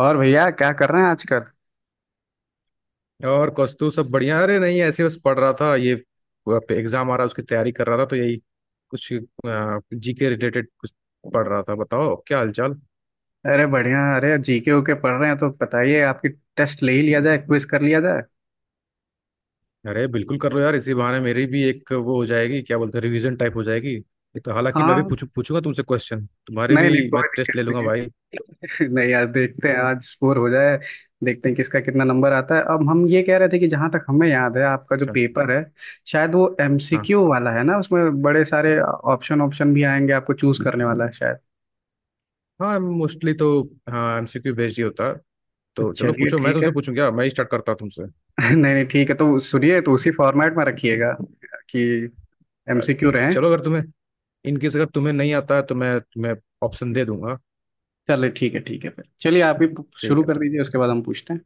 और भैया क्या कर रहे हैं आजकल। और कौस्तु सब बढ़िया। अरे नहीं, ऐसे बस पढ़ रहा था। ये एग्जाम आ रहा है, उसकी तैयारी कर रहा था, तो यही कुछ जीके रिलेटेड कुछ पढ़ रहा था। बताओ क्या हालचाल। अरे बढ़िया। अरे जीके ओके पढ़ रहे हैं तो बताइए आपकी। टेस्ट ले ही लिया जाए, क्विज कर लिया जाए। अरे बिल्कुल कर लो यार, इसी बहाने मेरी भी एक वो हो जाएगी, क्या बोलते हैं, रिवीजन टाइप हो जाएगी। तो हालांकि मैं भी हाँ। पूछूंगा तुमसे क्वेश्चन, तुम्हारे नहीं नहीं, भी मैं कोई टेस्ट ले दिक्कत लूंगा नहीं भाई। है। नहीं यार, देखते हैं आज स्कोर हो जाए। देखते हैं किसका कितना नंबर आता है। अब हम ये कह रहे थे कि जहां तक हमें याद है, आपका जो चल। पेपर है शायद वो हाँ। एमसीक्यू वाला है ना, उसमें बड़े सारे ऑप्शन ऑप्शन भी आएंगे, आपको चूज करने वाला है शायद। हाँ मोस्टली तो हाँ, एमसीक्यू बेस्ड ही होता है। तो तो चलो चलिए पूछो, मैं ठीक है। तुमसे पूछूं, क्या मैं ही स्टार्ट करता हूँ तुमसे। नहीं नहीं ठीक है, तो सुनिए, तो उसी फॉर्मेट में रखिएगा कि अ, एमसीक्यू रहे। चलो, अगर तुम्हें इनकेस अगर तुम्हें नहीं आता है तो मैं तुम्हें ऑप्शन दे दूंगा। चलिए ठीक है ठीक है, फिर चलिए आप ही ठीक शुरू है। कर दीजिए, उसके बाद हम पूछते हैं।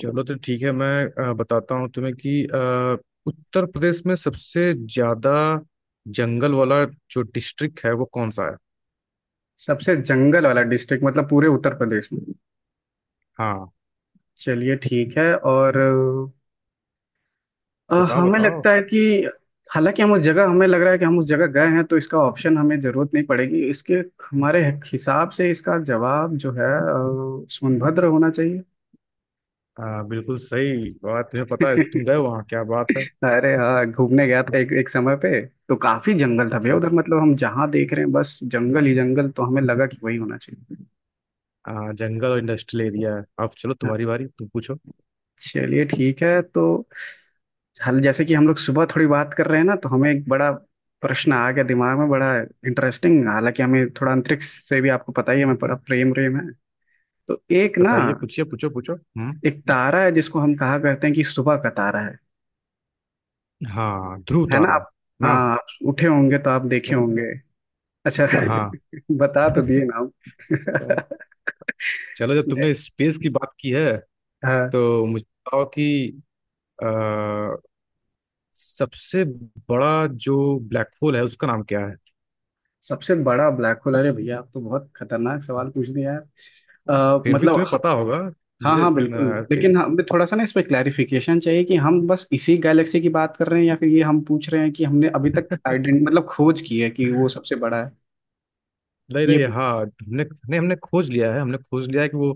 चलो तो ठीक है, मैं बताता हूँ तुम्हें कि उत्तर प्रदेश में सबसे ज्यादा जंगल वाला जो डिस्ट्रिक्ट है वो कौन सा है। सबसे जंगल वाला डिस्ट्रिक्ट मतलब पूरे उत्तर प्रदेश में? हाँ, चलिए ठीक है। और बताओ हमें बताओ। लगता है कि, हालांकि हम उस जगह, हमें लग रहा है कि हम उस जगह गए हैं तो इसका ऑप्शन हमें जरूरत नहीं पड़ेगी। इसके हमारे हिसाब से इसका जवाब जो है सोनभद्र होना चाहिए। बिल्कुल सही बात। तुम्हें पता है, तुम गए वहाँ, क्या बात है। अरे हाँ, घूमने गया था एक एक समय पे। तो काफी जंगल था भैया अच्छा। उधर, मतलब हम जहाँ देख रहे हैं बस जंगल ही जंगल, तो हमें लगा कि वही होना चाहिए। जंगल और इंडस्ट्रियल एरिया है। अब चलो तुम्हारी बारी, तुम पूछो। चलिए ठीक है। तो हल जैसे कि हम लोग सुबह थोड़ी बात कर रहे हैं ना, तो हमें एक बड़ा प्रश्न आ गया दिमाग में, बड़ा इंटरेस्टिंग। हालांकि हमें थोड़ा अंतरिक्ष से भी, आपको पता ही है, हमें बड़ा प्रेम प्रेम है। तो एक ना, बताइए, पूछिए, पूछो पूछो। हम्म। एक तारा है जिसको हम कहा करते हैं कि सुबह का तारा है हाँ, ध्रुव है ना तारा। आप? ना। हाँ, आप उठे होंगे तो आप देखे होंगे। अच्छा हाँ। बता तो दिए ना अ, आप। चलो, जब तुमने स्पेस की बात की है हाँ। तो मुझे बताओ कि अ, सबसे बड़ा जो ब्लैक होल है उसका नाम क्या है। सबसे बड़ा ब्लैक होल? अरे भैया, आप तो बहुत खतरनाक सवाल पूछ दिया है। फिर भी मतलब, तुम्हें पता होगा। हाँ मुझे हाँ बिल्कुल। अ, लेकिन हमें थोड़ा सा ना इस पे क्लैरिफिकेशन चाहिए कि हम बस इसी गैलेक्सी की बात कर रहे हैं, या फिर ये हम पूछ रहे हैं कि हमने अभी तक आइडेंट मतलब खोज की है कि वो सबसे बड़ा है? नहीं नहीं, ये हाँ, हमने हमने हमने खोज लिया है, हमने खोज लिया है कि वो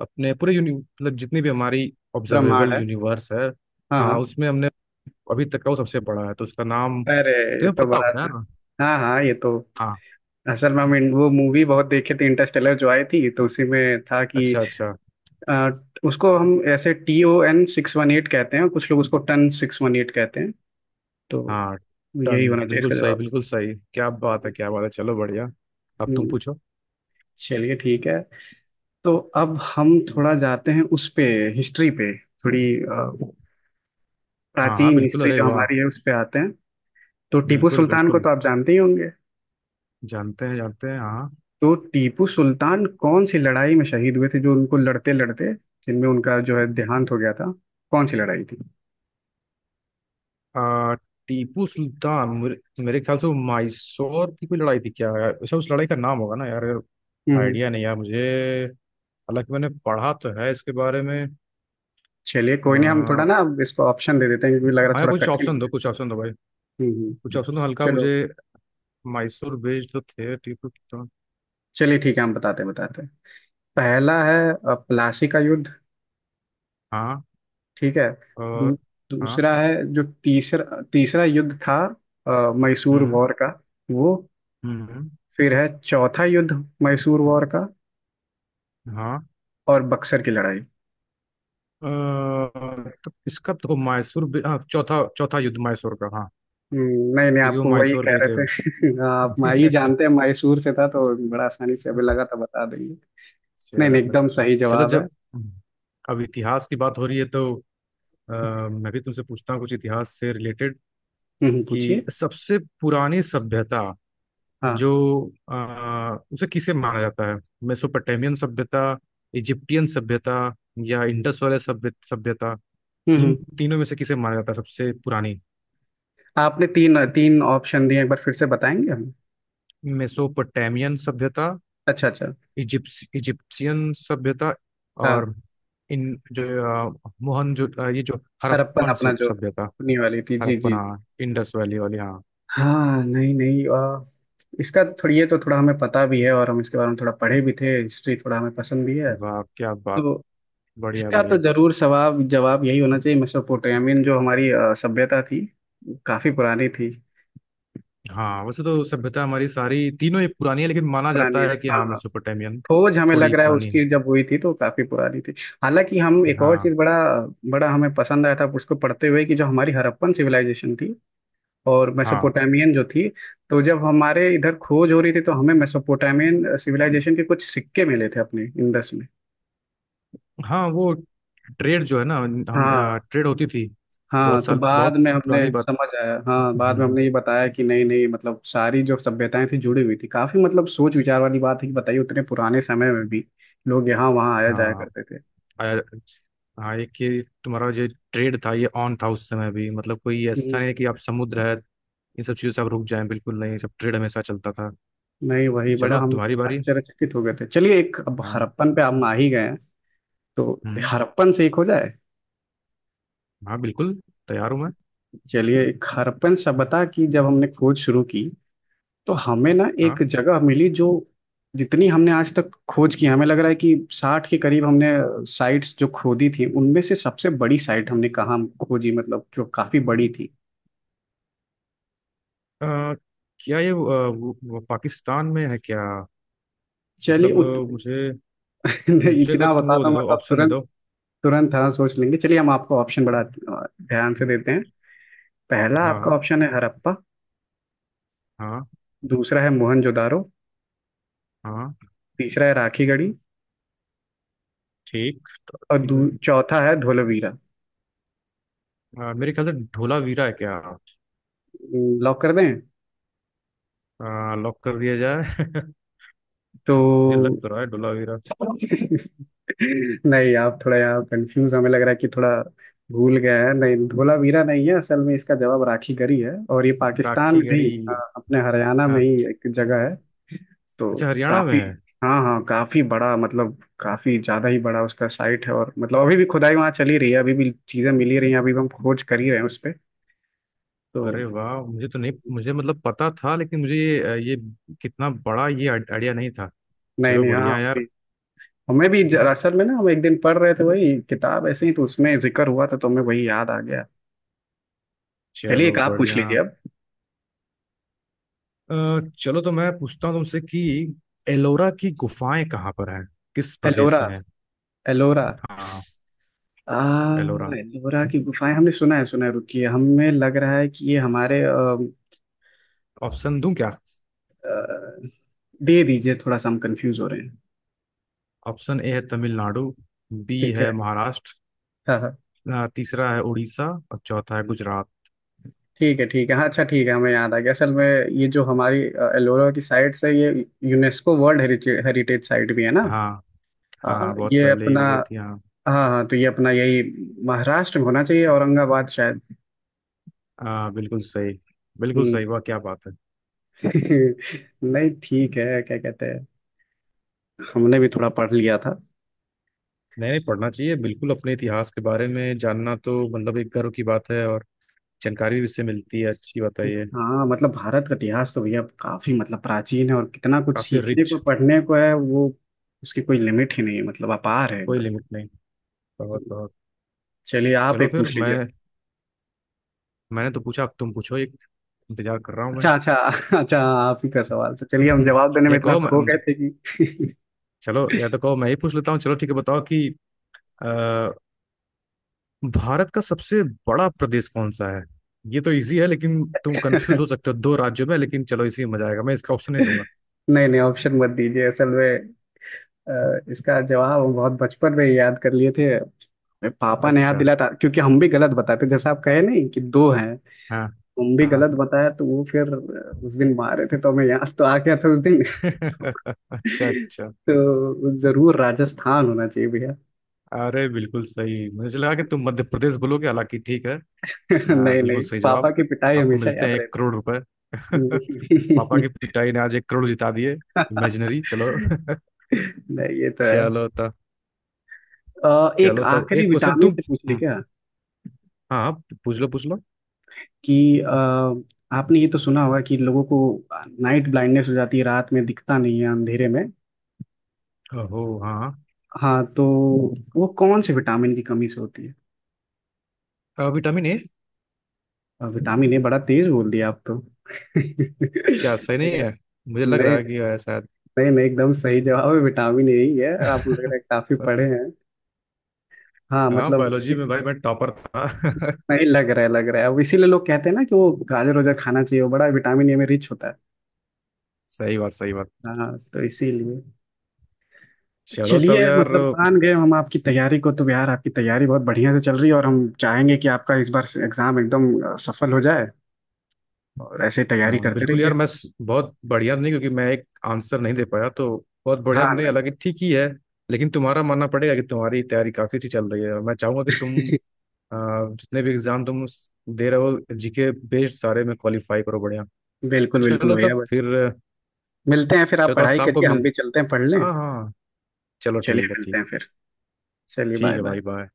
अपने पूरे यूनि मतलब जितनी भी हमारी ब्रह्मांड ऑब्जर्वेबल है। यूनिवर्स है, हाँ हाँ, हाँ। उसमें हमने अभी तक का वो सबसे बड़ा है। तो उसका नाम अरे ये तुम्हें तो पता बड़ा होगा सा। यार। हाँ हाँ ये तो, हाँ। असल में हम वो मूवी बहुत देखे थे, इंटरस्टेलर जो आई थी, तो उसी में था कि अच्छा अच्छा। अ, उसको हम ऐसे TON 618 कहते हैं, कुछ लोग उसको TON 618 कहते हैं। तो हाँ, यही टन, होना चाहिए बिल्कुल इसका सही, जवाब। बिल्कुल सही, क्या बात है, हम्म। क्या बात है, चलो बढ़िया। अब तुम हम्म। पूछो। चलिए ठीक है। तो अब हम थोड़ा जाते हैं उस पे, हिस्ट्री पे, थोड़ी हाँ हाँ प्राचीन बिल्कुल, हिस्ट्री अरे जो वाह। हमारी है उस पे आते हैं। तो टीपू बिल्कुल सुल्तान को बिल्कुल, तो आप जानते ही होंगे। जानते हैं हाँ। तो टीपू सुल्तान कौन सी लड़ाई में शहीद हुए थे, जो उनको लड़ते लड़ते, जिनमें उनका जो है देहांत हो गया था, कौन सी लड़ाई थी? आ, टीपू सुल्तान मेरे ख्याल से वो माइसोर की कोई लड़ाई थी क्या यार। अच्छा, उस लड़ाई का नाम होगा ना यार। हम्म। आइडिया नहीं यार मुझे। हालांकि मैंने पढ़ा तो है इसके बारे में। चलिए कोई नहीं, हम थोड़ा हाँ, ना अब इसको ऑप्शन दे देते हैं, क्योंकि लग रहा है यार थोड़ा कुछ कठिन हो ऑप्शन दो, गया। कुछ ऑप्शन दो भाई, हम्म हम्म। कुछ ऑप्शन दो हल्का मुझे। चलो। माइसोर बेस्ड तो थे टीपू सुल्तान। चलिए ठीक है, हम बताते बताते। पहला है प्लासी का युद्ध। हाँ। ठीक है। दू, और। हाँ। दूसरा है, जो तीसरा तीसरा युद्ध था, मैसूर हम्म। वॉर का। वो, हम्म। फिर है चौथा युद्ध, मैसूर वॉर का। हाँ। और बक्सर की लड़ाई। अ, तो इसका तो मायसूर, हाँ, चौथा, चौथा युद्ध मायसूर का, हाँ। नहीं नहीं, क्योंकि वो आपको वही मायसूर कह गए थे। रहे थे। हाँ, आप, मैं, ये जानते हैं मैसूर से था तो बड़ा आसानी से अभी लगा था बता देंगे। नहीं नहीं, चलो। एकदम सही चलो, जवाब है। जब अब इतिहास की बात हो रही है तो मैं भी तुमसे पूछता हूँ कुछ इतिहास से रिलेटेड, कि पूछिए। सबसे पुरानी सभ्यता जो हाँ। अ, उसे किसे माना जाता है, मेसोपोटामियन सभ्यता, इजिप्टियन सभ्यता या इंडस वाले सभ्यता, हम्म इन हम्म। तीनों में से किसे माना जाता है सबसे पुरानी। आपने तीन तीन ऑप्शन दिए, एक बार फिर से बताएंगे हम? मेसोपोटामियन सभ्यता, अच्छा अच्छा। इजिप्स इजिप्शियन सभ्यता हाँ। और इन जो अ, मोहन जो अ, ये जो हरप्पन, हड़प्पन अपना जो सभ्यता। अपनी वाली थी, जी हड़प्पन, जी जी। हाँ, इंडस वैली वाली, हाँ। हाँ, नहीं नहीं, इसका थोड़ी, ये तो थोड़ा हमें पता भी है और हम इसके बारे में थोड़ा पढ़े भी थे, हिस्ट्री थोड़ा हमें पसंद भी है। वाह क्या बात, तो बढ़िया इसका तो बढ़िया। जरूर सवाब जवाब यही होना चाहिए, मेसोपोटामियन जो हमारी सभ्यता थी, काफी पुरानी थी। हाँ, वैसे तो सभ्यता हमारी सारी तीनों ही पुरानी है, लेकिन माना पुरानी जाता है, है कि हाँ हाँ, हाँ। मेसोपोटामियन खोज हमें थोड़ी लग रहा है पुरानी है। उसकी जब हुई थी तो काफी पुरानी थी। हालांकि हम एक और हाँ चीज, बड़ा बड़ा हमें पसंद आया था उसको पढ़ते हुए, कि जो हमारी हड़प्पन सिविलाइजेशन थी और हाँ। मेसोपोटामियन जो थी, तो जब हमारे इधर खोज हो रही थी तो हमें मेसोपोटामियन सिविलाइजेशन के कुछ सिक्के मिले थे अपने इंडस में। हाँ, वो ट्रेड जो है ना, हम हाँ ट्रेड होती थी। बहुत हाँ। तो साल, बाद बहुत में हमने पुरानी बात। समझ आया, हाँ बाद में हम्म। हमने ये बताया कि नहीं नहीं, मतलब सारी जो सभ्यताएं थी जुड़ी हुई थी काफी, मतलब सोच विचार वाली बात है कि, बताइए उतने पुराने समय में भी लोग यहाँ वहाँ आया जाया हाँ। करते थे। आया। हाँ, ये कि तुम्हारा जो ट्रेड था ये ऑन था उस समय भी, मतलब कोई ऐसा हम्म, नहीं है कि आप समुद्र है इन सब चीज़ों से आप रुक जाएं, बिल्कुल नहीं, सब ट्रेड हमेशा चलता था। नहीं वही, बड़ा चलो हम तुम्हारी बारी। आश्चर्यचकित हो गए थे। चलिए एक, अब हाँ। हड़प्पन पे हम आ ही गए हैं तो हम्म। हड़प्पन से एक हो जाए। हाँ बिल्कुल, तैयार हूँ मैं। चलिए, एक हड़प्पन सभ्यता की जब हमने खोज शुरू की तो हमें ना एक हाँ। जगह मिली जो, जितनी हमने आज तक खोज की हमें लग रहा है कि 60 के करीब हमने साइट्स जो खोदी थी, उनमें से सबसे बड़ी साइट हमने कहाँ खोजी, मतलब जो काफी बड़ी थी? अ, क्या ये वो पाकिस्तान में है क्या। चलिए मतलब अ, मुझे नहीं, मुझे अगर इतना तुम बता वो दूं दे दो, मतलब ऑप्शन दे तुरंत दो। तुरंत, हाँ सोच लेंगे। चलिए हम आपको ऑप्शन बड़ा ध्यान से देते हैं। पहला आपका हाँ। ऑप्शन है हड़प्पा। हाँ। दूसरा है मोहनजोदारो। हाँ। तीसरा है राखीगढ़ी। ठीक। और ठीक है। चौथा है धोलावीरा। मेरे ख्याल से ढोलावीरा है क्या। लॉक कर दें? लॉक कर दिया जाए। तो मुझे लग तो रहा है ढोलावीरा। नहीं, आप थोड़ा यहाँ कंफ्यूज, हमें लग रहा है कि थोड़ा भूल गए हैं, नहीं धोलावीरा नहीं है, असल में इसका जवाब राखी गरी है, और ये पाकिस्तान राखी में गढ़ी, नहीं, अपने हरियाणा में हाँ। ही एक जगह है। तो अच्छा, हरियाणा में काफी, है। हाँ हाँ, काफी बड़ा, मतलब काफी ज्यादा ही बड़ा उसका साइट है, और मतलब अभी भी खुदाई वहाँ चली रही है, अभी भी चीजें मिल ही रही हैं, अभी भी हम खोज कर ही रहे हैं उस पे। तो अरे वाह, मुझे तो नहीं, मुझे मतलब पता था, लेकिन मुझे ये कितना बड़ा ये आइडिया नहीं था। नहीं चलो नहीं, हाँ बढ़िया हम यार। भी, हमें भी असल में ना हम एक दिन पढ़ रहे थे वही किताब ऐसे ही, तो उसमें जिक्र हुआ था तो हमें वही याद आ गया। चलिए चलो एक आप पूछ बढ़िया। लीजिए अब। अ, चलो, तो मैं पूछता हूँ तुमसे कि एलोरा की गुफाएं कहाँ पर हैं, किस प्रदेश एलोरा। में है। एलोरा। हाँ आ। एलोरा। एलोरा की गुफाएं, हमने सुना है सुना है, रुकिए हमें लग रहा है कि ये हमारे ऑप्शन दूं क्या। अ, दे दीजिए थोड़ा सा, हम कंफ्यूज हो रहे हैं। ऑप्शन ए है तमिलनाडु, बी ठीक है। है महाराष्ट्र, हाँ हाँ। तीसरा है उड़ीसा और चौथा है गुजरात। ठीक है हाँ, अच्छा ठीक है, हमें याद आ गया असल में, ये जो हमारी एलोरा की साइट से, ये UNESCO world heritage heritage site भी है ना। हाँ। हाँ। आ, हाँ, बहुत ये पहले ही अपना। हो गई थी, हाँ। हाँ हाँ, तो ये अपना यही महाराष्ट्र में होना चाहिए, औरंगाबाद शायद। हाँ, बिल्कुल सही, बिल्कुल हम्म। सही, वाह क्या बात है। नहीं ठीक है, क्या कहते हैं, हमने भी थोड़ा पढ़ लिया था। नहीं नहीं, पढ़ना चाहिए बिल्कुल, अपने इतिहास के बारे में जानना तो मतलब एक गर्व की बात है, और जानकारी भी इससे मिलती है, अच्छी बात है ये। हाँ मतलब भारत का इतिहास तो भैया काफी मतलब प्राचीन है, और कितना कुछ काफी सीखने को रिच। पढ़ने को है वो, उसकी कोई लिमिट ही नहीं है, मतलब अपार है कोई एकदम। लिमिट नहीं। बहुत बहुत। चलिए आप चलो, एक फिर पूछ लीजिए। मैं, मैंने तो पूछा, अब तुम पूछो एक, इंतजार कर रहा हूँ मैं। अच्छा अच्छा। अच्छा आप ही का सवाल तो, चलिए हम जवाब देने या में इतना कहो खो मैं। गए थे कि, चलो, या तो कहो मैं ही पूछ लेता हूँ। चलो ठीक है, बताओ कि अ, भारत का सबसे बड़ा प्रदेश कौन सा है। ये तो इजी है लेकिन तुम कंफ्यूज हो सकते हो दो राज्यों में, लेकिन चलो, इसी में मजा आएगा, मैं इसका ऑप्शन नहीं दूंगा। नहीं नहीं ऑप्शन मत दीजिए, असल में इसका जवाब हम बहुत बचपन में ही याद कर लिए थे, मेरे पापा ने याद अच्छा, दिलाया था, क्योंकि हम भी गलत बताते जैसे, आप कहे नहीं कि दो हैं, हाँ हम भी हाँ। गलत बताया तो वो फिर उस दिन मारे थे, तो हमें याद तो आ गया था उस दिन। अच्छा अच्छा। तो जरूर राजस्थान होना चाहिए भैया। अरे बिल्कुल सही, मुझे लगा कि तुम मध्य प्रदेश बोलोगे, हालांकि ठीक है। हाँ, नहीं बिल्कुल नहीं, सही पापा जवाब। की पिटाई आपको हमेशा मिलते याद हैं ₹1 करोड़। पापा रहती है। की पिटाई ने आज 1 करोड़ जिता दिए। इमेजिनरी, चलो। नहीं ये तो है। चलो तब। एक चलो तब आखिरी एक क्वेश्चन विटामिन तुम। से पूछ ले हम्म। क्या, हाँ हाँ, पूछ लो पूछ लो। कि आपने ये तो सुना होगा कि लोगों को नाइट ब्लाइंडनेस हो जाती है, रात में दिखता नहीं है अंधेरे में। ओहो हाँ। हाँ तो वो कौन से विटामिन की कमी से होती है? Vitamin A. Vitamin A? बड़ा तेज बोल दिया आप तो। क्या सही लग नहीं रहा है। मुझे है- लग रहा नहीं, है कि है शायद। नहीं नहीं, एकदम सही जवाब है, विटामिन ए ही है, आपको लग रहा है काफी पढ़े हैं। हाँ हाँ, मतलब, बायोलॉजी में भाई मैं टॉपर था। नहीं लग रहा है लग रहा है अब। इसीलिए लोग कहते हैं ना कि वो गाजर वाजर खाना चाहिए, वो बड़ा विटामिन ए में रिच होता है। सही बात, सही बात। हाँ तो इसीलिए, तो चलो तब चलिए यार। मतलब मान गए हम आपकी तैयारी को, तो यार आपकी तैयारी बहुत बढ़िया से चल रही है, और हम चाहेंगे कि आपका इस बार एग्जाम एकदम सफल हो जाए, और ऐसे ही तैयारी हाँ, करते बिल्कुल रहिए। यार, मैं स- बहुत बढ़िया नहीं, क्योंकि मैं एक आंसर नहीं दे पाया तो बहुत बढ़िया हाँ। नहीं, हालांकि ठीक ही है। लेकिन तुम्हारा मानना पड़ेगा कि तुम्हारी तैयारी काफी अच्छी चल रही है, और मैं चाहूंगा कि तुम नहीं अ, जितने भी एग्जाम तुम स- दे रहे हो जीके बेस्ड, सारे में क्वालिफाई करो, बढ़िया। बिल्कुल बिल्कुल चलो भैया, तब बस फिर। मिलते हैं फिर, आप चलो तो आज पढ़ाई शाम को करिए, हम मिल। भी चलते हैं पढ़ लें। हाँ हाँ। तो चलो चलिए ठीक है, मिलते ठीक। हैं फिर। चलिए ठीक बाय है बाय। भाई, बाय।